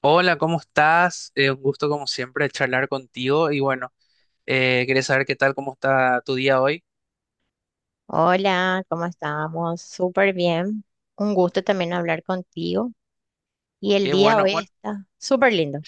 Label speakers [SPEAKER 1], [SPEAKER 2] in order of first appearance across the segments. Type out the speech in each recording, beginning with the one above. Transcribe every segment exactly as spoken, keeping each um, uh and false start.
[SPEAKER 1] Hola, ¿cómo estás? Eh, un gusto como siempre charlar contigo y bueno, eh, quería saber qué tal, cómo está tu día hoy.
[SPEAKER 2] Hola, ¿cómo estamos? Súper bien. Un gusto también hablar contigo. Y el
[SPEAKER 1] Qué
[SPEAKER 2] día
[SPEAKER 1] bueno,
[SPEAKER 2] hoy
[SPEAKER 1] bueno,
[SPEAKER 2] está súper lindo.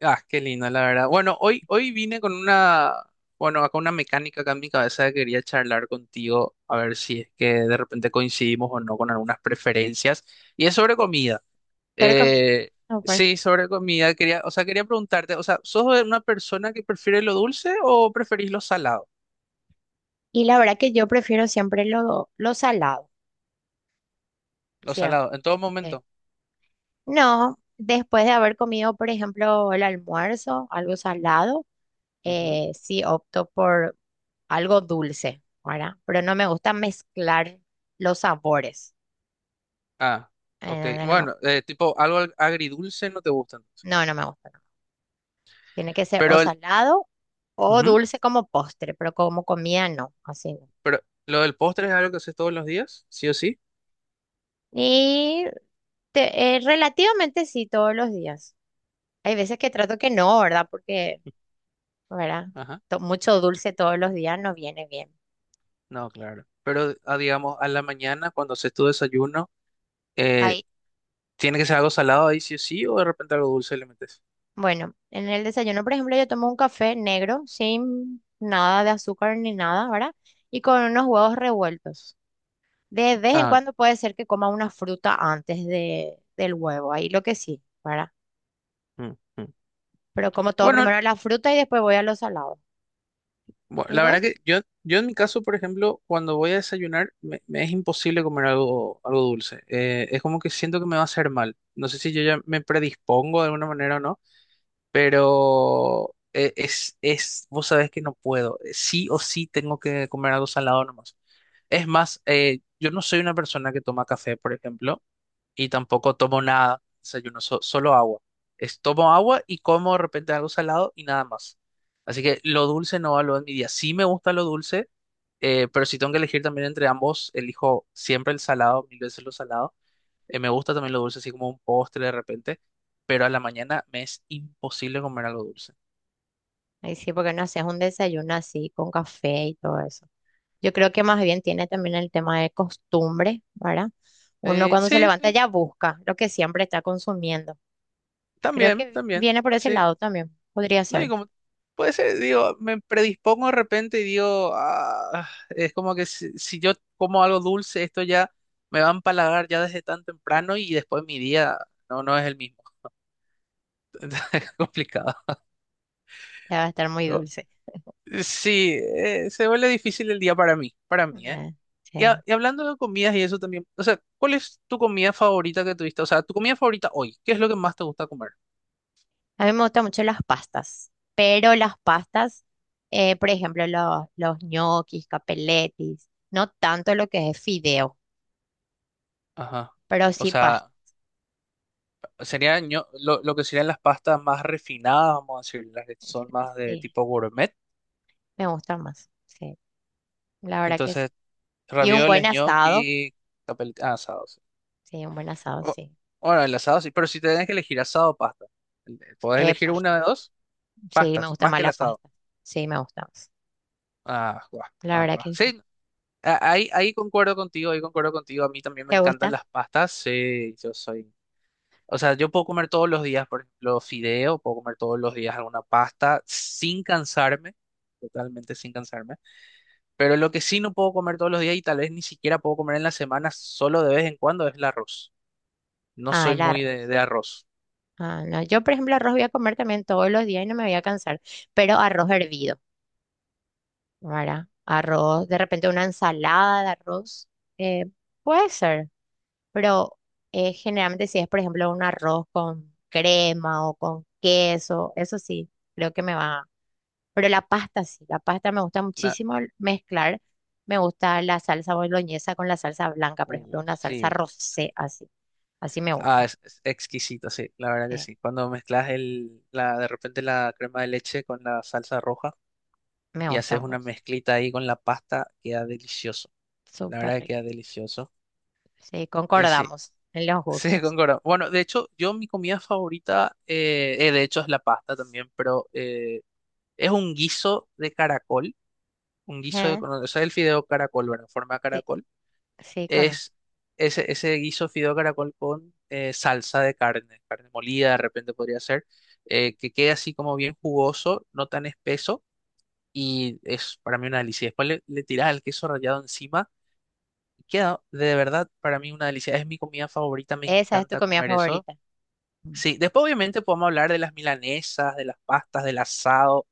[SPEAKER 1] ah, qué lindo, la verdad. Bueno, hoy, hoy vine con una, bueno, acá una mecánica acá en mi cabeza que quería charlar contigo a ver si es que de repente coincidimos o no con algunas preferencias y es sobre comida.
[SPEAKER 2] Te recomiendo.
[SPEAKER 1] Eh,
[SPEAKER 2] Súper.
[SPEAKER 1] sí, sobre comida, quería, o sea, quería preguntarte, o sea, ¿sos de una persona que prefiere lo dulce o preferís lo salado?
[SPEAKER 2] Y la verdad que yo prefiero siempre lo, lo salado,
[SPEAKER 1] Lo
[SPEAKER 2] siempre.
[SPEAKER 1] salado, en todo momento.
[SPEAKER 2] No, después de haber comido, por ejemplo, el almuerzo, algo salado, eh, sí opto por algo dulce, ¿verdad? Pero no me gusta mezclar los sabores.
[SPEAKER 1] Ah, ok.
[SPEAKER 2] Eh, no, me-
[SPEAKER 1] Bueno, eh, tipo algo ag- agridulce no te gustan.
[SPEAKER 2] no, no me gusta. Tiene que ser o
[SPEAKER 1] Pero el,
[SPEAKER 2] salado o
[SPEAKER 1] ujú,
[SPEAKER 2] dulce como postre, pero como comida no, así no.
[SPEAKER 1] pero lo del postre es algo que haces todos los días, sí o sí.
[SPEAKER 2] Y te- eh, relativamente sí, todos los días. Hay veces que trato que no, ¿verdad? Porque, ¿verdad?
[SPEAKER 1] Ajá.
[SPEAKER 2] To- mucho dulce todos los días no viene bien.
[SPEAKER 1] No, claro. Pero ah, digamos a la mañana cuando haces tu desayuno, eh,
[SPEAKER 2] Ahí,
[SPEAKER 1] tiene que ser algo salado ahí sí o sí o de repente algo dulce le metes.
[SPEAKER 2] bueno, en el desayuno, por ejemplo, yo tomo un café negro sin nada de azúcar ni nada, ¿verdad? Y con unos huevos revueltos. De vez en
[SPEAKER 1] Ah,
[SPEAKER 2] cuando puede ser que coma una fruta antes de, del huevo, ahí lo que sí, ¿verdad?
[SPEAKER 1] mm, mm.
[SPEAKER 2] Pero como todo,
[SPEAKER 1] Bueno,
[SPEAKER 2] primero la fruta y después voy a los salados.
[SPEAKER 1] bu-
[SPEAKER 2] ¿Y
[SPEAKER 1] la verdad
[SPEAKER 2] vos?
[SPEAKER 1] que yo, yo en mi caso, por ejemplo, cuando voy a desayunar me, me es imposible comer algo, algo dulce. Eh, es como que siento que me va a hacer mal. No sé si yo ya me predispongo de alguna manera o no. Pero eh, es, es, vos sabés que no puedo. eh, Sí o sí tengo que comer algo salado nomás. Es más, eh, yo no soy una persona que toma café, por ejemplo, y tampoco tomo nada, desayuno, so- solo agua. Es, tomo agua y como de repente algo salado y nada más. Así que lo dulce no va lo de mi día. Sí me gusta lo dulce, eh, pero si tengo que elegir también entre ambos, elijo siempre el salado, mil veces lo salado. Eh, me gusta también lo dulce, así como un postre de repente, pero a la mañana me es imposible comer algo dulce.
[SPEAKER 2] Ahí sí, porque no haces un desayuno así con café y todo eso. Yo creo que más bien tiene también el tema de costumbre, ¿verdad? Uno
[SPEAKER 1] Eh,
[SPEAKER 2] cuando se
[SPEAKER 1] sí,
[SPEAKER 2] levanta
[SPEAKER 1] sí,
[SPEAKER 2] ya busca lo que siempre está consumiendo. Creo
[SPEAKER 1] también,
[SPEAKER 2] que
[SPEAKER 1] también,
[SPEAKER 2] viene por ese
[SPEAKER 1] sí.
[SPEAKER 2] lado también. Podría
[SPEAKER 1] No, y
[SPEAKER 2] ser.
[SPEAKER 1] como puede ser, digo, me predispongo de repente y digo, "Ah", es como que si, si yo como algo dulce, esto ya me va a empalagar ya desde tan temprano y después mi día no, no es el mismo. Entonces, es complicado.
[SPEAKER 2] Ya va a estar muy
[SPEAKER 1] O-
[SPEAKER 2] dulce.
[SPEAKER 1] Sí, eh, se vuelve difícil el día para mí, para mí, ¿eh?
[SPEAKER 2] Eh,
[SPEAKER 1] Y, ha-
[SPEAKER 2] sí.
[SPEAKER 1] y hablando de comidas y eso también, o sea, ¿cuál es tu comida favorita que tuviste? O sea, tu comida favorita hoy, ¿qué es lo que más te gusta comer?
[SPEAKER 2] A mí me gustan mucho las pastas, pero las pastas, eh, por ejemplo, los, los ñoquis, capeletis, no tanto lo que es fideo,
[SPEAKER 1] Ajá.
[SPEAKER 2] pero
[SPEAKER 1] O
[SPEAKER 2] sí pastas.
[SPEAKER 1] sea, sería ño- lo, lo que serían las pastas más refinadas, vamos a decir, las que son más de tipo gourmet.
[SPEAKER 2] Me gusta más, sí, la verdad que sí.
[SPEAKER 1] Entonces,
[SPEAKER 2] Y un buen
[SPEAKER 1] ravioles,
[SPEAKER 2] asado,
[SPEAKER 1] gnocchi, capel- ah, asados.
[SPEAKER 2] sí, un buen asado,
[SPEAKER 1] O-
[SPEAKER 2] sí.
[SPEAKER 1] Bueno, el asado sí, pero si tenés que elegir asado o pasta, el- podés
[SPEAKER 2] Eh,
[SPEAKER 1] elegir una
[SPEAKER 2] pastas,
[SPEAKER 1] de dos
[SPEAKER 2] sí, me
[SPEAKER 1] pastas,
[SPEAKER 2] gusta
[SPEAKER 1] más
[SPEAKER 2] más
[SPEAKER 1] que el
[SPEAKER 2] la
[SPEAKER 1] asado.
[SPEAKER 2] pasta, sí, me gusta más,
[SPEAKER 1] Ah, guau,
[SPEAKER 2] la
[SPEAKER 1] ah,
[SPEAKER 2] verdad
[SPEAKER 1] guau.
[SPEAKER 2] que sí.
[SPEAKER 1] Sí, A- ahí, ahí concuerdo contigo, ahí concuerdo contigo. A mí también me
[SPEAKER 2] ¿Te
[SPEAKER 1] encantan
[SPEAKER 2] gusta?
[SPEAKER 1] las pastas. Sí, yo soy. O sea, yo puedo comer todos los días, por ejemplo, fideo, puedo comer todos los días alguna pasta sin cansarme, totalmente sin cansarme. Pero lo que sí no puedo comer todos los días y tal vez ni siquiera puedo comer en la semana, solo de vez en cuando, es el arroz. No
[SPEAKER 2] Ah,
[SPEAKER 1] soy
[SPEAKER 2] el
[SPEAKER 1] muy de,
[SPEAKER 2] arroz.
[SPEAKER 1] de arroz.
[SPEAKER 2] Ah, no, yo por ejemplo arroz voy a comer también todos los días y no me voy a cansar, pero arroz hervido, ¿verdad? Arroz, de repente una ensalada de arroz, eh, puede ser, pero eh, generalmente si es por ejemplo un arroz con crema o con queso, eso sí, creo que me va. Pero la pasta sí, la pasta me gusta
[SPEAKER 1] Na-
[SPEAKER 2] muchísimo mezclar. Me gusta la salsa boloñesa con la salsa blanca, por ejemplo,
[SPEAKER 1] uh,
[SPEAKER 2] una salsa
[SPEAKER 1] sí, sí.
[SPEAKER 2] rosé, así. Así me
[SPEAKER 1] Ah,
[SPEAKER 2] gusta.
[SPEAKER 1] es, es exquisito, sí, la verdad que
[SPEAKER 2] Sí,
[SPEAKER 1] sí. Cuando mezclas el, la, de repente la crema de leche con la salsa roja.
[SPEAKER 2] me
[SPEAKER 1] Y
[SPEAKER 2] gusta
[SPEAKER 1] haces una
[SPEAKER 2] mucho.
[SPEAKER 1] mezclita ahí con la pasta, queda delicioso. La
[SPEAKER 2] Súper
[SPEAKER 1] verdad que
[SPEAKER 2] rico.
[SPEAKER 1] queda delicioso.
[SPEAKER 2] Sí,
[SPEAKER 1] Y sí,
[SPEAKER 2] concordamos en los
[SPEAKER 1] sí,
[SPEAKER 2] gustos.
[SPEAKER 1] concuerdo. Bueno, de hecho, yo mi comida favorita, eh, eh, de hecho, es la pasta también, pero eh, es un guiso de caracol, un guiso de,
[SPEAKER 2] Eh,
[SPEAKER 1] con- o sea, el fideo caracol, ¿verdad? En forma de
[SPEAKER 2] Sí,
[SPEAKER 1] caracol.
[SPEAKER 2] sí, conozco.
[SPEAKER 1] Es ese, ese guiso fideo caracol con eh, salsa de carne, carne molida de repente podría ser, eh, que quede así como bien jugoso, no tan espeso, y es para mí una delicia. Después le, le tirás el queso rallado encima. Queda de verdad para mí una delicia. Es mi comida favorita, me
[SPEAKER 2] Esa es tu
[SPEAKER 1] encanta
[SPEAKER 2] comida
[SPEAKER 1] comer eso.
[SPEAKER 2] favorita. Mm.
[SPEAKER 1] Sí, después obviamente podemos hablar de las milanesas, de las pastas, del asado,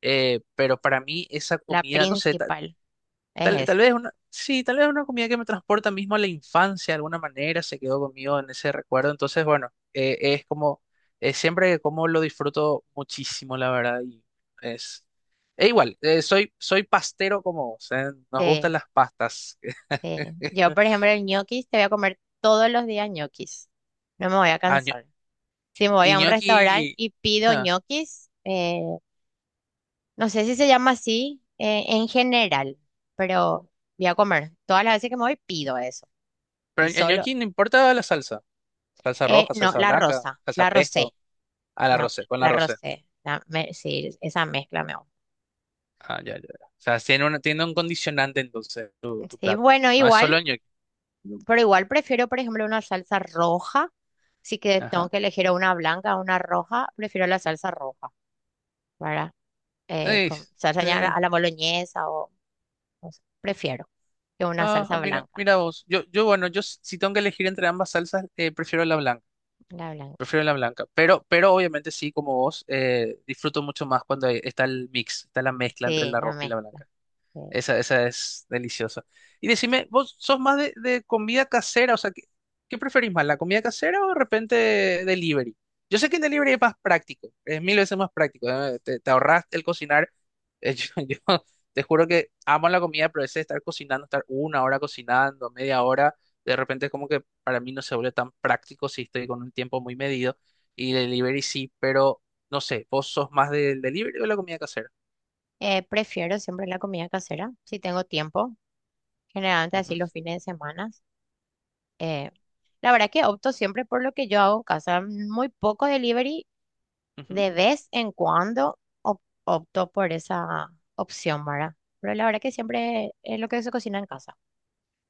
[SPEAKER 1] eh, pero para mí esa
[SPEAKER 2] La
[SPEAKER 1] comida, no sé, ta-
[SPEAKER 2] principal
[SPEAKER 1] tal,
[SPEAKER 2] es
[SPEAKER 1] tal
[SPEAKER 2] esa.
[SPEAKER 1] vez una, sí, tal vez una comida que me transporta mismo a la infancia de alguna manera, se quedó conmigo en ese recuerdo. Entonces, bueno, eh, es como, eh, siempre que como lo disfruto muchísimo, la verdad, y es, e igual, eh, soy, soy pastero como vos, eh, nos
[SPEAKER 2] Sí,
[SPEAKER 1] gustan las pastas.
[SPEAKER 2] sí. Yo, por ejemplo, el ñoquis, te voy a comer todos los días ñoquis. No me voy a
[SPEAKER 1] Ah,
[SPEAKER 2] cansar. Si me voy
[SPEAKER 1] y
[SPEAKER 2] a un restaurante
[SPEAKER 1] gnocchi.
[SPEAKER 2] y pido
[SPEAKER 1] Ah,
[SPEAKER 2] ñoquis, eh, no sé si se llama así eh, en general, pero voy a comer. Todas las veces que me voy pido eso. Y
[SPEAKER 1] pero el, el
[SPEAKER 2] solo,
[SPEAKER 1] gnocchi no importa la salsa. Salsa
[SPEAKER 2] eh,
[SPEAKER 1] roja,
[SPEAKER 2] no,
[SPEAKER 1] salsa
[SPEAKER 2] la
[SPEAKER 1] blanca,
[SPEAKER 2] rosa,
[SPEAKER 1] salsa
[SPEAKER 2] la rosé,
[SPEAKER 1] pesto. A la
[SPEAKER 2] la,
[SPEAKER 1] rosé, con la
[SPEAKER 2] la
[SPEAKER 1] rosé.
[SPEAKER 2] rosé, la me- sí, esa mezcla me
[SPEAKER 1] Ah, ya, ya, ya. O sea, tiene un, tiene un condicionante entonces tu,
[SPEAKER 2] gusta.
[SPEAKER 1] tu
[SPEAKER 2] Sí,
[SPEAKER 1] plato.
[SPEAKER 2] bueno,
[SPEAKER 1] No es
[SPEAKER 2] igual,
[SPEAKER 1] solo gnocchi.
[SPEAKER 2] pero igual prefiero, por ejemplo, una salsa roja. Si que tengo
[SPEAKER 1] Ajá.
[SPEAKER 2] que elegir una blanca o una roja, prefiero la salsa roja, ¿verdad? Eh,
[SPEAKER 1] Ey,
[SPEAKER 2] con salsa ya a la,
[SPEAKER 1] eh,
[SPEAKER 2] a la boloñesa o, no sé, prefiero que una
[SPEAKER 1] ah,
[SPEAKER 2] salsa
[SPEAKER 1] ah, mira,
[SPEAKER 2] blanca.
[SPEAKER 1] mira vos. Yo, yo, bueno, yo s- si tengo que elegir entre ambas salsas, eh, prefiero la blanca.
[SPEAKER 2] La blanca,
[SPEAKER 1] Prefiero la blanca. Pero, pero obviamente sí, como vos, eh, disfruto mucho más cuando hay- está el mix, está la mezcla entre
[SPEAKER 2] sí,
[SPEAKER 1] la
[SPEAKER 2] la
[SPEAKER 1] roja y la
[SPEAKER 2] mezcla.
[SPEAKER 1] blanca.
[SPEAKER 2] Sí.
[SPEAKER 1] Esa, esa es deliciosa. Y decime, ¿vos sos más de, de comida casera? O sea, ¿qué, qué preferís más, la comida casera o de repente delivery? Yo sé que el delivery es más práctico, es mil veces más práctico. ¿Eh? Te, te ahorras el cocinar. Eh, Yo, yo te juro que amo la comida, pero ese de estar cocinando, estar una hora cocinando, media hora, de repente es como que para mí no se vuelve tan práctico si estoy con un tiempo muy medido. Y delivery sí, pero no sé, ¿vos sos más del delivery o de la comida casera?
[SPEAKER 2] Eh, prefiero siempre la comida casera, si tengo tiempo, generalmente
[SPEAKER 1] Ujú,
[SPEAKER 2] así los fines de semana. Eh, la verdad que opto siempre por lo que yo hago en casa, mm, muy poco delivery,
[SPEAKER 1] ujú.
[SPEAKER 2] de vez en cuando op- opto por esa opción, ¿verdad? Pero la verdad que siempre es lo que se cocina en casa.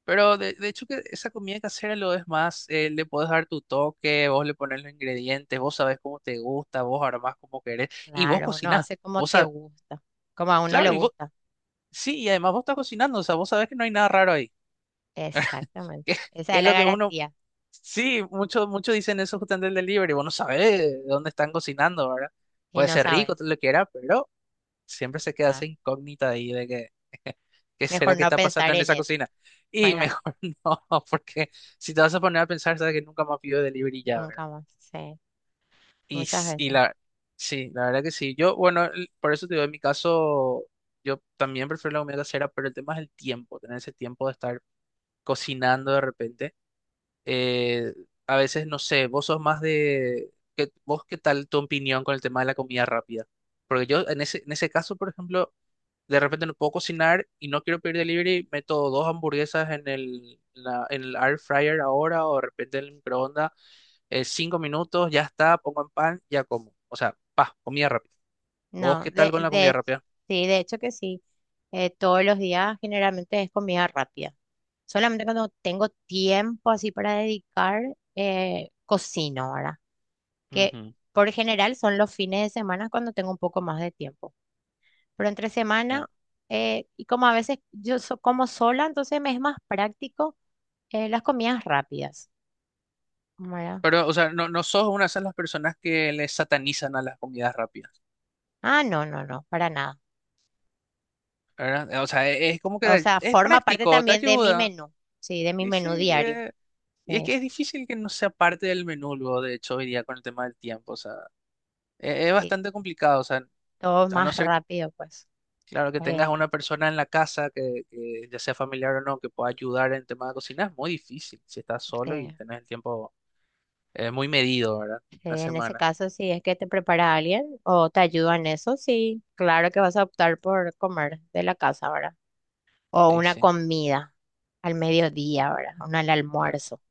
[SPEAKER 1] Pero de, de hecho que esa comida casera lo es más, eh, le puedes dar tu toque, vos le pones los ingredientes, vos sabés cómo te gusta, vos armás como querés, y vos
[SPEAKER 2] Claro, uno
[SPEAKER 1] cocinás,
[SPEAKER 2] hace como
[SPEAKER 1] vos
[SPEAKER 2] te
[SPEAKER 1] sabés,
[SPEAKER 2] gusta, como a uno le
[SPEAKER 1] claro, y vos,
[SPEAKER 2] gusta.
[SPEAKER 1] sí, y además vos estás cocinando, o sea, vos sabés que no hay nada raro ahí,
[SPEAKER 2] Exactamente,
[SPEAKER 1] que,
[SPEAKER 2] esa
[SPEAKER 1] que
[SPEAKER 2] es
[SPEAKER 1] es
[SPEAKER 2] la
[SPEAKER 1] lo que uno,
[SPEAKER 2] garantía
[SPEAKER 1] sí, muchos muchos dicen eso justamente del delivery, vos no sabés de dónde están cocinando, ¿verdad?
[SPEAKER 2] y
[SPEAKER 1] Puede
[SPEAKER 2] no
[SPEAKER 1] ser rico,
[SPEAKER 2] sabes.
[SPEAKER 1] todo lo que era, pero siempre se queda
[SPEAKER 2] Ah,
[SPEAKER 1] esa incógnita ahí de que, ¿qué será
[SPEAKER 2] mejor
[SPEAKER 1] que
[SPEAKER 2] no
[SPEAKER 1] está pasando
[SPEAKER 2] pensar
[SPEAKER 1] en
[SPEAKER 2] en
[SPEAKER 1] esa
[SPEAKER 2] eso,
[SPEAKER 1] cocina? Y
[SPEAKER 2] ¿verdad?
[SPEAKER 1] mejor no, porque si te vas a poner a pensar, sabes que nunca más pido delivery ya, ¿verdad?
[SPEAKER 2] Nunca más, sí,
[SPEAKER 1] Y,
[SPEAKER 2] muchas
[SPEAKER 1] s- y
[SPEAKER 2] veces.
[SPEAKER 1] la, sí, la verdad que sí. Yo, bueno, el- por eso te digo, en mi caso, yo también prefiero la comida casera, pero el tema es el tiempo, tener ese tiempo de estar cocinando de repente. Eh, a veces, no sé, vos sos más de, ¿qué- vos qué tal tu opinión con el tema de la comida rápida? Porque yo en ese, en ese caso, por ejemplo, de repente no puedo cocinar y no quiero pedir delivery, meto dos hamburguesas en el, la- en el air fryer ahora o de repente en el microondas, eh, cinco minutos, ya está, pongo en pan, ya como. O sea, pa, comida rápida. ¿Vos
[SPEAKER 2] No,
[SPEAKER 1] qué tal con
[SPEAKER 2] de,
[SPEAKER 1] la
[SPEAKER 2] de,
[SPEAKER 1] comida
[SPEAKER 2] hech-
[SPEAKER 1] rápida?
[SPEAKER 2] sí, de hecho que sí. Eh, todos los días generalmente es comida rápida. Solamente cuando tengo tiempo así para dedicar, eh, cocino ahora. Que
[SPEAKER 1] Ujú,
[SPEAKER 2] por general son los fines de semana cuando tengo un poco más de tiempo. Pero entre semana,
[SPEAKER 1] ya.
[SPEAKER 2] eh, y como a veces yo so- como sola, entonces me es más práctico eh, las comidas rápidas. ¿Verdad?
[SPEAKER 1] Pero, o sea, no, no sos una de las personas que le satanizan a las comidas rápidas,
[SPEAKER 2] Ah, no, no, no, para nada.
[SPEAKER 1] ¿verdad? O sea, e- es, como
[SPEAKER 2] O
[SPEAKER 1] que
[SPEAKER 2] sea,
[SPEAKER 1] es
[SPEAKER 2] forma parte
[SPEAKER 1] práctico, te
[SPEAKER 2] también de mi
[SPEAKER 1] ayuda.
[SPEAKER 2] menú, sí, de mi
[SPEAKER 1] Y sí,
[SPEAKER 2] menú diario.
[SPEAKER 1] eh, y es
[SPEAKER 2] Sí.
[SPEAKER 1] que es difícil que no sea parte del menú, luego, de hecho, hoy día con el tema del tiempo, o sea, e- es
[SPEAKER 2] Sí.
[SPEAKER 1] bastante complicado, o sea,
[SPEAKER 2] Todo
[SPEAKER 1] a no
[SPEAKER 2] más
[SPEAKER 1] ser,
[SPEAKER 2] rápido, pues,
[SPEAKER 1] claro, que
[SPEAKER 2] hoy
[SPEAKER 1] tengas
[SPEAKER 2] en día.
[SPEAKER 1] una persona en la casa que, que ya sea familiar o no, que pueda ayudar en tema de cocina, es muy difícil si estás solo y
[SPEAKER 2] Porque,
[SPEAKER 1] tenés el tiempo eh, muy medido, ¿verdad? Una
[SPEAKER 2] eh, en ese
[SPEAKER 1] semana.
[SPEAKER 2] caso, si es que te prepara alguien o te ayuda en eso, sí, claro que vas a optar por comer de la casa ahora. O
[SPEAKER 1] Sí,
[SPEAKER 2] una
[SPEAKER 1] sí,
[SPEAKER 2] comida al mediodía ahora, una al
[SPEAKER 1] claro.
[SPEAKER 2] almuerzo,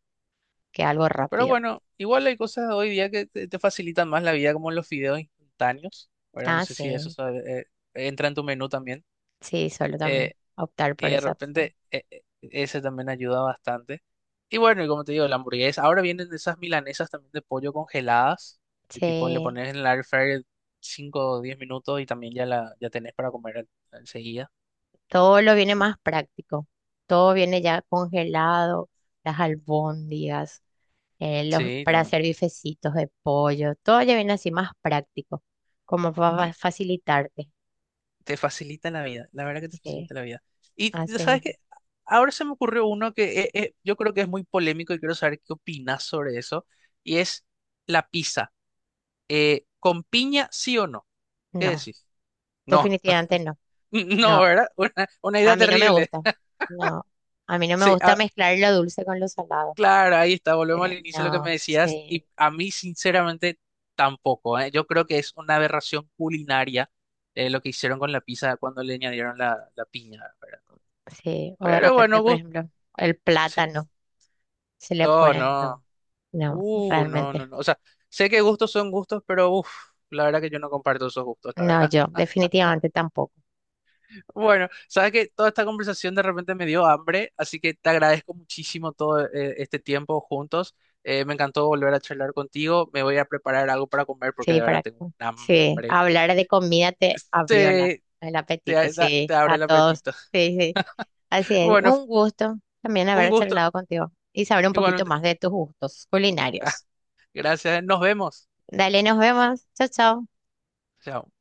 [SPEAKER 2] que algo
[SPEAKER 1] Pero
[SPEAKER 2] rápido.
[SPEAKER 1] bueno, igual hay cosas hoy día que te, te facilitan más la vida, como los fideos instantáneos, ¿verdad? No
[SPEAKER 2] Ah,
[SPEAKER 1] sé si eso
[SPEAKER 2] sí,
[SPEAKER 1] sabe- eh, entra en tu menú también.
[SPEAKER 2] sí, solo también
[SPEAKER 1] Eh,
[SPEAKER 2] optar
[SPEAKER 1] Y
[SPEAKER 2] por
[SPEAKER 1] de
[SPEAKER 2] esa opción.
[SPEAKER 1] repente eh, eh, ese también ayuda bastante. Y bueno, y como te digo, la hamburguesa. Ahora vienen esas milanesas también de pollo congeladas, que tipo le
[SPEAKER 2] Sí,
[SPEAKER 1] pones en el air fryer cinco o diez minutos y también ya la ya tenés para comer en- enseguida.
[SPEAKER 2] todo lo viene más práctico. Todo viene ya congelado, las albóndigas. eh, los,
[SPEAKER 1] Sí,
[SPEAKER 2] para
[SPEAKER 1] también.
[SPEAKER 2] hacer bifecitos de pollo, todo ya viene así más práctico, como para
[SPEAKER 1] Y
[SPEAKER 2] facilitarte.
[SPEAKER 1] te facilita la vida, la verdad que te
[SPEAKER 2] Sí,
[SPEAKER 1] facilita la vida. Y
[SPEAKER 2] así
[SPEAKER 1] sabes
[SPEAKER 2] mismo.
[SPEAKER 1] que ahora se me ocurrió uno que eh, eh, yo creo que es muy polémico y quiero saber qué opinas sobre eso, y es la pizza. Eh, ¿con piña sí o no? ¿Qué
[SPEAKER 2] No,
[SPEAKER 1] decís? No,
[SPEAKER 2] definitivamente no.
[SPEAKER 1] no,
[SPEAKER 2] No,
[SPEAKER 1] ¿verdad? Una, una
[SPEAKER 2] a
[SPEAKER 1] idea
[SPEAKER 2] mí no me
[SPEAKER 1] terrible.
[SPEAKER 2] gusta. No, a mí no me
[SPEAKER 1] Sí,
[SPEAKER 2] gusta
[SPEAKER 1] ah,
[SPEAKER 2] mezclar lo dulce con lo salado.
[SPEAKER 1] claro, ahí está, volvemos al
[SPEAKER 2] Eh,
[SPEAKER 1] inicio de lo que me
[SPEAKER 2] no,
[SPEAKER 1] decías.
[SPEAKER 2] sí,
[SPEAKER 1] Y a mí, sinceramente, tampoco, ¿eh? Yo creo que es una aberración culinaria eh, lo que hicieron con la pizza cuando le añadieron la, la piña, ¿verdad?
[SPEAKER 2] sí. O de
[SPEAKER 1] Pero
[SPEAKER 2] repente,
[SPEAKER 1] bueno,
[SPEAKER 2] por
[SPEAKER 1] gusto,
[SPEAKER 2] ejemplo, el
[SPEAKER 1] sí.
[SPEAKER 2] plátano se le
[SPEAKER 1] Oh,
[SPEAKER 2] ponen,
[SPEAKER 1] no.
[SPEAKER 2] no, no,
[SPEAKER 1] Uh, no, no,
[SPEAKER 2] realmente.
[SPEAKER 1] no. O sea, sé que gustos son gustos, pero uff, la verdad que yo no comparto esos gustos, la
[SPEAKER 2] No,
[SPEAKER 1] verdad.
[SPEAKER 2] yo definitivamente tampoco.
[SPEAKER 1] Bueno, sabes que toda esta conversación de repente me dio hambre, así que te agradezco muchísimo todo eh, este tiempo juntos. Eh, me encantó volver a charlar contigo. Me voy a preparar algo para comer porque
[SPEAKER 2] Sí,
[SPEAKER 1] de verdad
[SPEAKER 2] para
[SPEAKER 1] tengo un
[SPEAKER 2] sí,
[SPEAKER 1] hambre.
[SPEAKER 2] hablar de comida te abrió la,
[SPEAKER 1] Te,
[SPEAKER 2] el apetito,
[SPEAKER 1] te, da- Te
[SPEAKER 2] sí,
[SPEAKER 1] abre
[SPEAKER 2] a
[SPEAKER 1] el
[SPEAKER 2] todos.
[SPEAKER 1] apetito.
[SPEAKER 2] Sí, sí, así es.
[SPEAKER 1] Bueno,
[SPEAKER 2] Un gusto también
[SPEAKER 1] un
[SPEAKER 2] haber
[SPEAKER 1] gusto.
[SPEAKER 2] charlado contigo y saber un poquito
[SPEAKER 1] Igualmente.
[SPEAKER 2] más de tus gustos culinarios.
[SPEAKER 1] Gracias. Nos vemos.
[SPEAKER 2] Dale, nos vemos. Chao, chao.
[SPEAKER 1] Chao.